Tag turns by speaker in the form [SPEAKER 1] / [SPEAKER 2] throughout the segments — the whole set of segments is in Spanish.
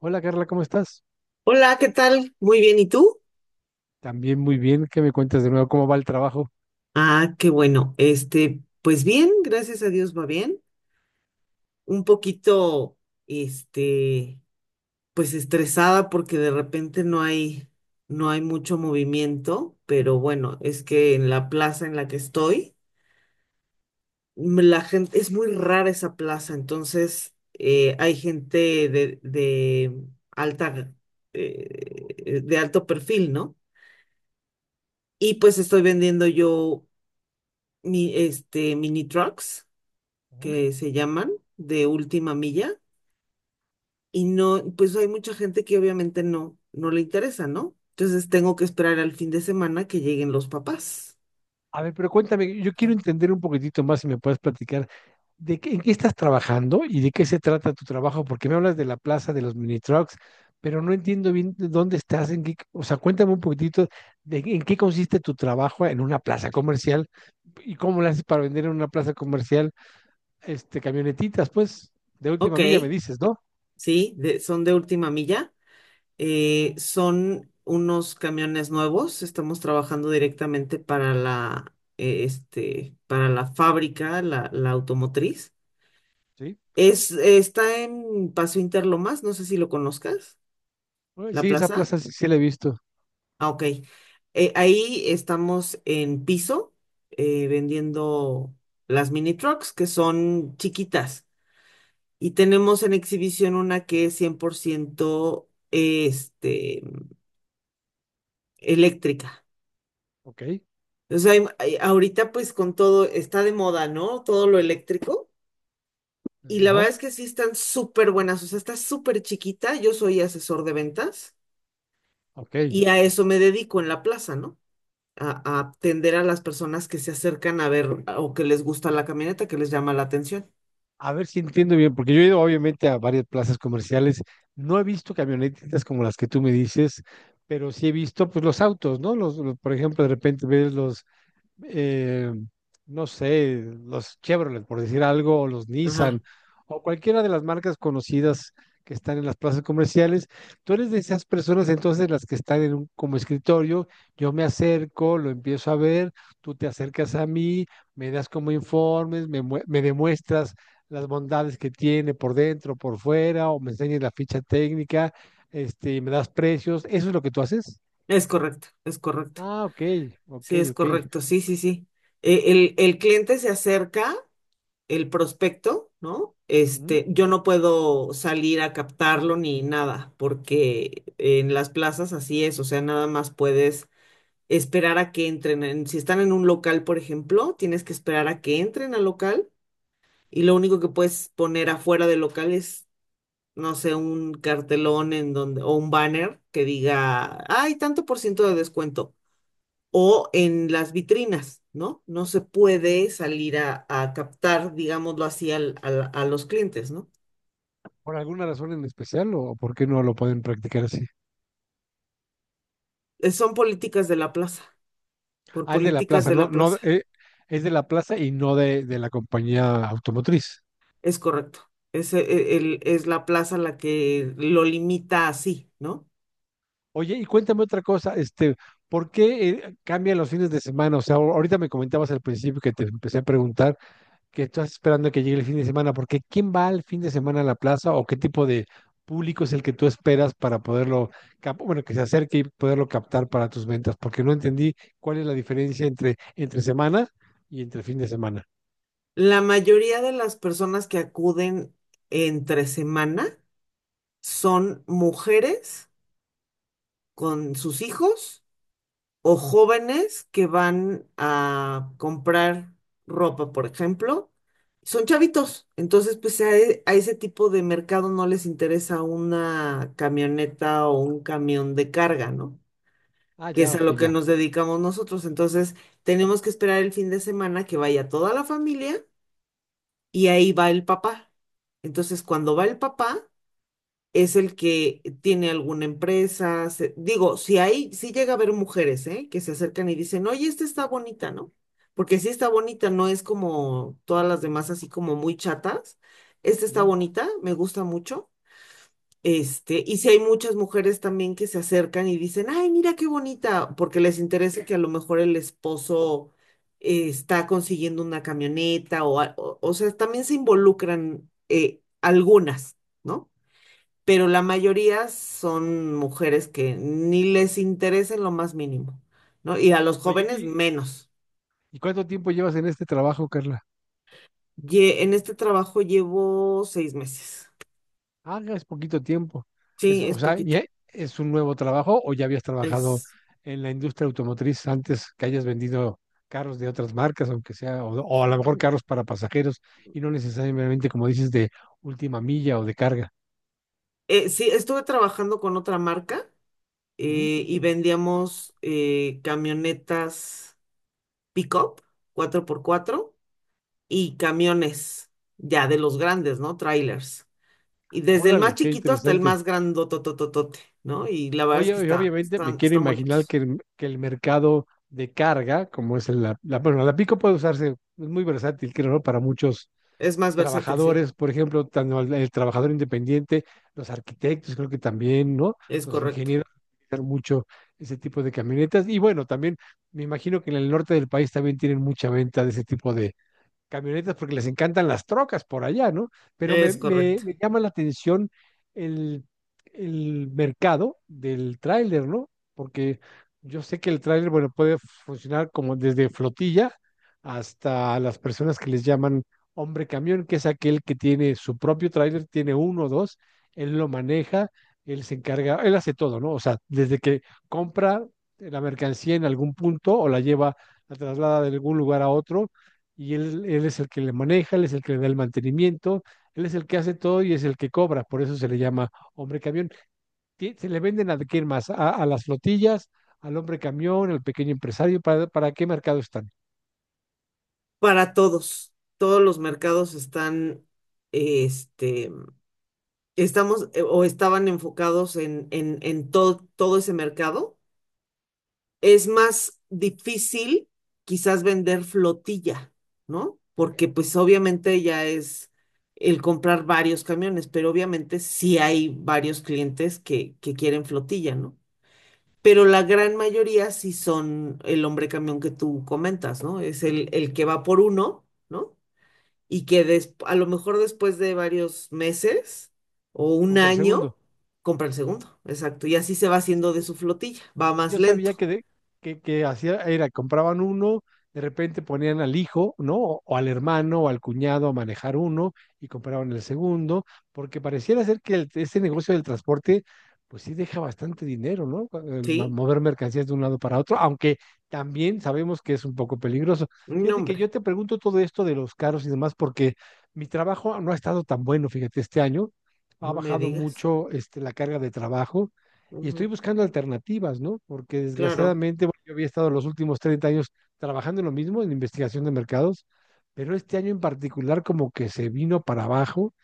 [SPEAKER 1] Hola Carla, ¿cómo estás?
[SPEAKER 2] Hola, ¿qué tal? Muy bien, ¿y tú?
[SPEAKER 1] También muy bien, ¿qué me cuentas de nuevo? ¿Cómo va el trabajo?
[SPEAKER 2] Ah, qué bueno. Pues bien, gracias a Dios va bien. Un poquito, este, pues estresada porque de repente no hay mucho movimiento, pero bueno, es que en la plaza en la que estoy, la gente, es muy rara esa plaza, entonces hay gente de alta, de alto perfil, ¿no? Y pues estoy vendiendo yo. Mi, mini trucks,
[SPEAKER 1] Ujú.
[SPEAKER 2] que se llaman, de última milla, y no, pues hay mucha gente que obviamente no le interesa, ¿no? Entonces tengo que esperar al fin de semana que lleguen los papás.
[SPEAKER 1] A ver, pero cuéntame, yo quiero entender un poquitito más si me puedes platicar de qué, en qué estás trabajando y de qué se trata tu trabajo, porque me hablas de la plaza de los mini trucks, pero no entiendo bien de dónde estás, en qué, o sea, cuéntame un poquitito de en qué consiste tu trabajo en una plaza comercial y cómo lo haces para vender en una plaza comercial, camionetitas, pues, de
[SPEAKER 2] Ok,
[SPEAKER 1] última milla me dices, ¿no?
[SPEAKER 2] sí, son de última milla, son unos camiones nuevos, estamos trabajando directamente para para la fábrica, la automotriz.
[SPEAKER 1] Sí.
[SPEAKER 2] Es, está en Paso Interlomas, no sé si lo conozcas,
[SPEAKER 1] Uy,
[SPEAKER 2] la
[SPEAKER 1] sí, esa
[SPEAKER 2] plaza.
[SPEAKER 1] plaza sí, sí la he visto.
[SPEAKER 2] Ah, ok. Ahí estamos en piso vendiendo las mini trucks que son chiquitas y tenemos en exhibición una que es 100%, eléctrica.
[SPEAKER 1] Ok.
[SPEAKER 2] O sea, ahorita pues con todo está de moda, ¿no? Todo lo eléctrico y la
[SPEAKER 1] Ajá.
[SPEAKER 2] verdad es que sí están súper buenas, o sea, está súper chiquita. Yo soy asesor de ventas
[SPEAKER 1] Ok.
[SPEAKER 2] y a eso me dedico en la plaza, ¿no? A atender a las personas que se acercan a ver o que les gusta la camioneta, que les llama la atención.
[SPEAKER 1] A ver si entiendo bien, porque yo he ido obviamente a varias plazas comerciales. No he visto camionetitas como las que tú me dices, pero sí he visto pues los autos, ¿no? Los, por ejemplo, de repente ves los eh, no sé, los Chevrolet, por decir algo, o los
[SPEAKER 2] Ajá,
[SPEAKER 1] Nissan, o cualquiera de las marcas conocidas que están en las plazas comerciales. Tú eres de esas personas entonces, las que están en un, como escritorio, yo me acerco, lo empiezo a ver, tú te acercas a mí, me das como informes, me demuestras las bondades que tiene por dentro, por fuera, o me enseñas la ficha técnica, y me das precios. ¿Eso es lo que tú haces?
[SPEAKER 2] es correcto, es correcto.
[SPEAKER 1] Ah, ok, ok,
[SPEAKER 2] Sí, es
[SPEAKER 1] ok.
[SPEAKER 2] correcto, sí, sí, sí. El cliente se acerca, el prospecto, ¿no? Yo no puedo salir a captarlo ni nada, porque en las plazas así es, o sea, nada más puedes esperar a que entren. Si están en un local, por ejemplo, tienes que esperar a que entren al local y lo único que puedes poner afuera del local es no sé, un cartelón en donde, o un banner que diga, hay tanto por ciento de descuento, o en las vitrinas, ¿no? No se puede salir a captar, digámoslo así, a los clientes, ¿no?
[SPEAKER 1] ¿Por alguna razón en especial o por qué no lo pueden practicar así?
[SPEAKER 2] Son políticas de la plaza, por
[SPEAKER 1] Ah, es de la
[SPEAKER 2] políticas
[SPEAKER 1] plaza,
[SPEAKER 2] de
[SPEAKER 1] no,
[SPEAKER 2] la
[SPEAKER 1] no,
[SPEAKER 2] plaza,
[SPEAKER 1] es de la plaza y no de, de la compañía automotriz.
[SPEAKER 2] es correcto. Es la plaza la que lo limita así, ¿no?
[SPEAKER 1] Oye, y cuéntame otra cosa. ¿Por qué cambian los fines de semana? O sea, ahorita me comentabas al principio, que te empecé a preguntar, que estás esperando que llegue el fin de semana, porque ¿quién va al fin de semana a la plaza o qué tipo de público es el que tú esperas para poderlo, bueno, que se acerque y poderlo captar para tus ventas? Porque no entendí cuál es la diferencia entre entre semana y entre fin de semana.
[SPEAKER 2] La mayoría de las personas que acuden entre semana son mujeres con sus hijos o jóvenes que van a comprar ropa, por ejemplo, son chavitos. Entonces, a ese tipo de mercado no les interesa una camioneta o un camión de carga, ¿no?
[SPEAKER 1] Ah,
[SPEAKER 2] Que
[SPEAKER 1] ya,
[SPEAKER 2] es a
[SPEAKER 1] ok,
[SPEAKER 2] lo que
[SPEAKER 1] ya.
[SPEAKER 2] nos dedicamos nosotros. Entonces, tenemos que esperar el fin de semana que vaya toda la familia y ahí va el papá. Entonces, cuando va el papá, es el que tiene alguna empresa. Digo, si llega a haber mujeres, ¿eh? Que se acercan y dicen, oye, esta está bonita, ¿no? Porque si está bonita, no es como todas las demás así como muy chatas. Esta está
[SPEAKER 1] Ujú.
[SPEAKER 2] bonita, me gusta mucho. Y si hay muchas mujeres también que se acercan y dicen, ay, mira qué bonita, porque les interesa que a lo mejor el esposo está consiguiendo una camioneta o sea, también se involucran algunas, ¿no? Pero la mayoría son mujeres que ni les interesa en lo más mínimo, ¿no? Y a los
[SPEAKER 1] Oye,
[SPEAKER 2] jóvenes menos.
[SPEAKER 1] y cuánto tiempo llevas en este trabajo, Carla?
[SPEAKER 2] En este trabajo llevo 6 meses.
[SPEAKER 1] Ah, ya es poquito tiempo. Es,
[SPEAKER 2] Sí,
[SPEAKER 1] o
[SPEAKER 2] es
[SPEAKER 1] sea,
[SPEAKER 2] poquita.
[SPEAKER 1] ¿ya es un nuevo trabajo o ya habías trabajado
[SPEAKER 2] Es,
[SPEAKER 1] en la industria automotriz antes, que hayas vendido carros de otras marcas, aunque sea, o a lo mejor carros para pasajeros y no necesariamente, como dices, de última milla o de carga?
[SPEAKER 2] sí, estuve trabajando con otra marca
[SPEAKER 1] Ujú.
[SPEAKER 2] y vendíamos camionetas pick-up 4x4 y camiones ya de los grandes, ¿no? Trailers. Y desde el más
[SPEAKER 1] Órale, qué
[SPEAKER 2] chiquito hasta el
[SPEAKER 1] interesante.
[SPEAKER 2] más grandotototote, ¿no? Y la verdad es que
[SPEAKER 1] Oye, y obviamente me quiero
[SPEAKER 2] están
[SPEAKER 1] imaginar
[SPEAKER 2] bonitos.
[SPEAKER 1] que el mercado de carga, como es el- la, bueno, la pico puede usarse, es muy versátil, creo, ¿no? Para muchos
[SPEAKER 2] Es más versátil, sí.
[SPEAKER 1] trabajadores, por ejemplo, tanto el trabajador independiente, los arquitectos, creo que también, ¿no?
[SPEAKER 2] Es
[SPEAKER 1] Los
[SPEAKER 2] correcto.
[SPEAKER 1] ingenieros utilizan mucho ese tipo de camionetas. Y bueno, también me imagino que en el norte del país también tienen mucha venta de ese tipo de camionetas, porque les encantan las trocas por allá, ¿no? Pero me,
[SPEAKER 2] Es correcto.
[SPEAKER 1] me llama la atención el, el mercado del tráiler, ¿no? Porque yo sé que el tráiler, bueno, puede funcionar como desde flotilla hasta las personas que les llaman hombre camión, que es aquel que tiene su propio tráiler, tiene uno o dos, él lo maneja, él se encarga, él hace todo, ¿no? O sea, desde que compra la mercancía en algún punto o la lleva, la traslada de algún lugar a otro y él es el que le maneja, él es el que le da el mantenimiento, él es el que hace todo y es el que cobra. Por eso se le llama hombre camión. Se le venden a quién más, a las flotillas, al hombre camión, al pequeño empresario, para qué mercado están?
[SPEAKER 2] Para todos. Todos los mercados están, este, estamos o estaban enfocados en todo, todo ese mercado. Es más difícil quizás vender flotilla, ¿no?
[SPEAKER 1] Ok,
[SPEAKER 2] Porque pues obviamente ya es el comprar varios camiones, pero obviamente sí hay varios clientes que quieren flotilla, ¿no? Pero la gran mayoría sí son el hombre camión que tú comentas, ¿no? Es el que va por uno, ¿no? Y a lo mejor después de varios meses o un
[SPEAKER 1] compra el
[SPEAKER 2] año
[SPEAKER 1] segundo.
[SPEAKER 2] compra el segundo, exacto. Y así se va haciendo de su flotilla, va
[SPEAKER 1] Sí,
[SPEAKER 2] más
[SPEAKER 1] yo sabía
[SPEAKER 2] lento,
[SPEAKER 1] que, que hacía, era, compraban uno, de repente ponían al hijo, ¿no? O al hermano o al cuñado a manejar uno, y compraban el segundo, porque pareciera ser que ese negocio del transporte, pues sí deja bastante dinero, ¿no? El
[SPEAKER 2] ¿sí?
[SPEAKER 1] mover mercancías de un lado para otro, aunque también sabemos que es un poco peligroso.
[SPEAKER 2] No,
[SPEAKER 1] Fíjate que
[SPEAKER 2] hombre,
[SPEAKER 1] yo te pregunto todo esto de los carros y demás, porque mi trabajo no ha estado tan bueno, fíjate, este año. Ha
[SPEAKER 2] no me
[SPEAKER 1] bajado
[SPEAKER 2] digas.
[SPEAKER 1] mucho la carga de trabajo y estoy
[SPEAKER 2] Ujú,
[SPEAKER 1] buscando alternativas, ¿no? Porque
[SPEAKER 2] claro,
[SPEAKER 1] desgraciadamente, bueno, yo había estado los últimos 30 años trabajando en lo mismo, en investigación de mercados, pero este año en particular como que se vino para abajo,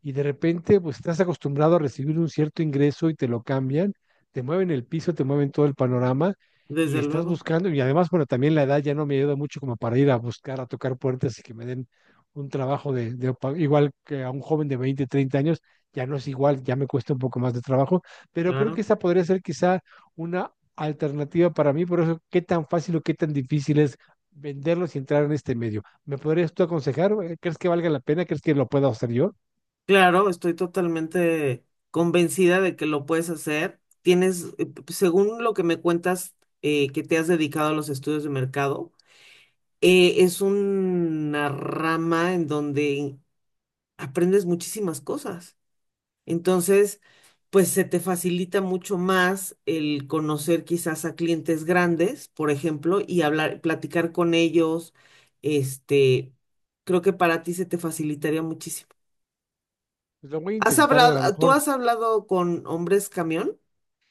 [SPEAKER 1] y de repente pues estás acostumbrado a recibir un cierto ingreso y te lo cambian, te mueven el piso, te mueven todo el panorama y
[SPEAKER 2] desde
[SPEAKER 1] estás
[SPEAKER 2] luego,
[SPEAKER 1] buscando. Y además, bueno, también la edad ya no me ayuda mucho como para ir a buscar, a tocar puertas y que me den un trabajo de, igual que a un joven de 20 30 años, ya no es igual, ya me cuesta un poco más de trabajo, pero creo que
[SPEAKER 2] claro.
[SPEAKER 1] esa podría ser quizá una alternativa para mí. Por eso, qué tan fácil o qué tan difícil es venderlos y entrar en este medio. ¿Me podrías tú aconsejar? ¿Crees que valga la pena? ¿Crees que lo pueda hacer yo?
[SPEAKER 2] Claro, estoy totalmente convencida de que lo puedes hacer. Tienes, según lo que me cuentas, que te has dedicado a los estudios de mercado, es una rama en donde aprendes muchísimas cosas. Entonces, pues se te facilita mucho más el conocer quizás a clientes grandes, por ejemplo, y hablar, platicar con ellos. Este, Creo que para ti se te facilitaría muchísimo.
[SPEAKER 1] Pues lo voy a intentar a lo
[SPEAKER 2] ¿Tú
[SPEAKER 1] mejor.
[SPEAKER 2] has hablado con hombres camión?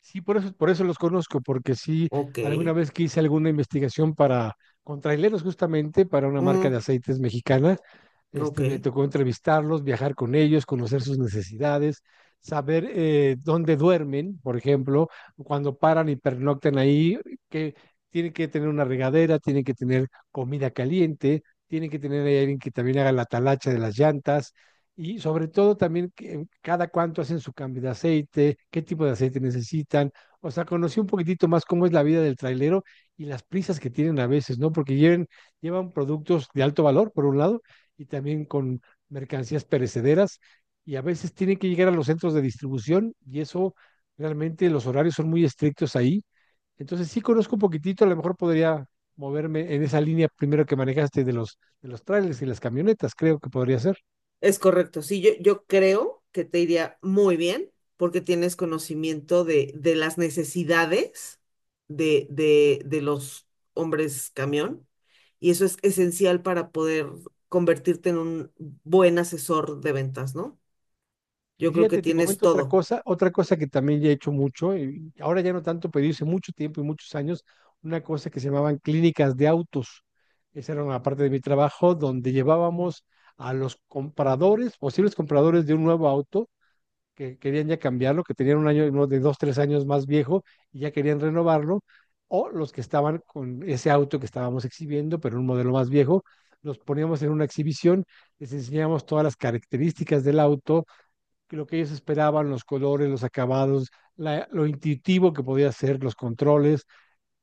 [SPEAKER 1] Sí, por eso los conozco, porque sí,
[SPEAKER 2] Ok.
[SPEAKER 1] alguna vez que hice alguna investigación para con traileros, justamente para una marca de
[SPEAKER 2] Mm,
[SPEAKER 1] aceites mexicana,
[SPEAKER 2] ok.
[SPEAKER 1] me tocó entrevistarlos, viajar con ellos, conocer sus necesidades, saber dónde duermen, por ejemplo, cuando paran y pernoctan ahí, que tienen que tener una regadera, tienen que tener comida caliente, tienen que tener ahí alguien que también haga la talacha de las llantas, y sobre todo también cada cuánto hacen su cambio de aceite, qué tipo de aceite necesitan. O sea, conocí un poquitito más cómo es la vida del trailero y las prisas que tienen a veces, ¿no? Porque llevan productos de alto valor, por un lado, y también con mercancías perecederas, y a veces tienen que llegar a los centros de distribución y eso, realmente los horarios son muy estrictos ahí. Entonces sí conozco un poquitito. A lo mejor podría moverme en esa línea primero que manejaste, de los trailers y las camionetas. Creo que podría ser.
[SPEAKER 2] Es correcto, sí, yo creo que te iría muy bien porque tienes conocimiento de las necesidades de los hombres camión y eso es esencial para poder convertirte en un buen asesor de ventas, ¿no?
[SPEAKER 1] Y
[SPEAKER 2] Yo creo que
[SPEAKER 1] fíjate, te
[SPEAKER 2] tienes
[SPEAKER 1] comento
[SPEAKER 2] todo.
[SPEAKER 1] otra cosa que también ya he hecho mucho, y ahora ya no tanto, pero hice mucho tiempo y muchos años, una cosa que se llamaban clínicas de autos. Esa era una parte de mi trabajo donde llevábamos a los compradores, posibles compradores de un nuevo auto, que querían ya cambiarlo, que tenían un año, uno de dos, tres años más viejo y ya querían renovarlo, o los que estaban con ese auto que estábamos exhibiendo, pero un modelo más viejo, los poníamos en una exhibición, les enseñábamos todas las características del auto, que lo que ellos esperaban, los colores, los acabados, lo intuitivo que podía ser, los controles,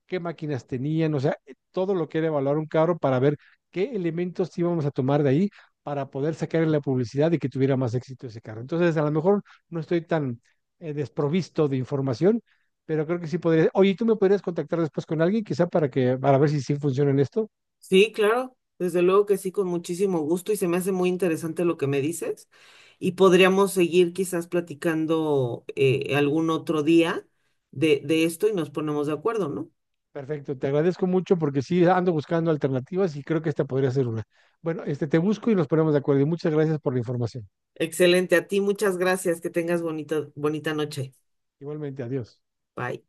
[SPEAKER 1] qué máquinas tenían, o sea, todo lo que era evaluar un carro para ver qué elementos íbamos a tomar de ahí para poder sacar en la publicidad y que tuviera más éxito ese carro. Entonces, a lo mejor no estoy tan desprovisto de información, pero creo que sí podría. Oye, ¿tú me podrías contactar después con alguien, quizá para que, para ver si sí funciona en esto?
[SPEAKER 2] Sí, claro, desde luego que sí, con muchísimo gusto y se me hace muy interesante lo que me dices y podríamos seguir quizás platicando algún otro día de esto y nos ponemos de acuerdo, ¿no?
[SPEAKER 1] Perfecto, te agradezco mucho porque sí ando buscando alternativas y creo que esta podría ser una. Bueno, este te busco y nos ponemos de acuerdo. Y muchas gracias por la información.
[SPEAKER 2] Excelente, a ti muchas gracias, que tengas bonito, bonita noche.
[SPEAKER 1] Igualmente, adiós.
[SPEAKER 2] Bye.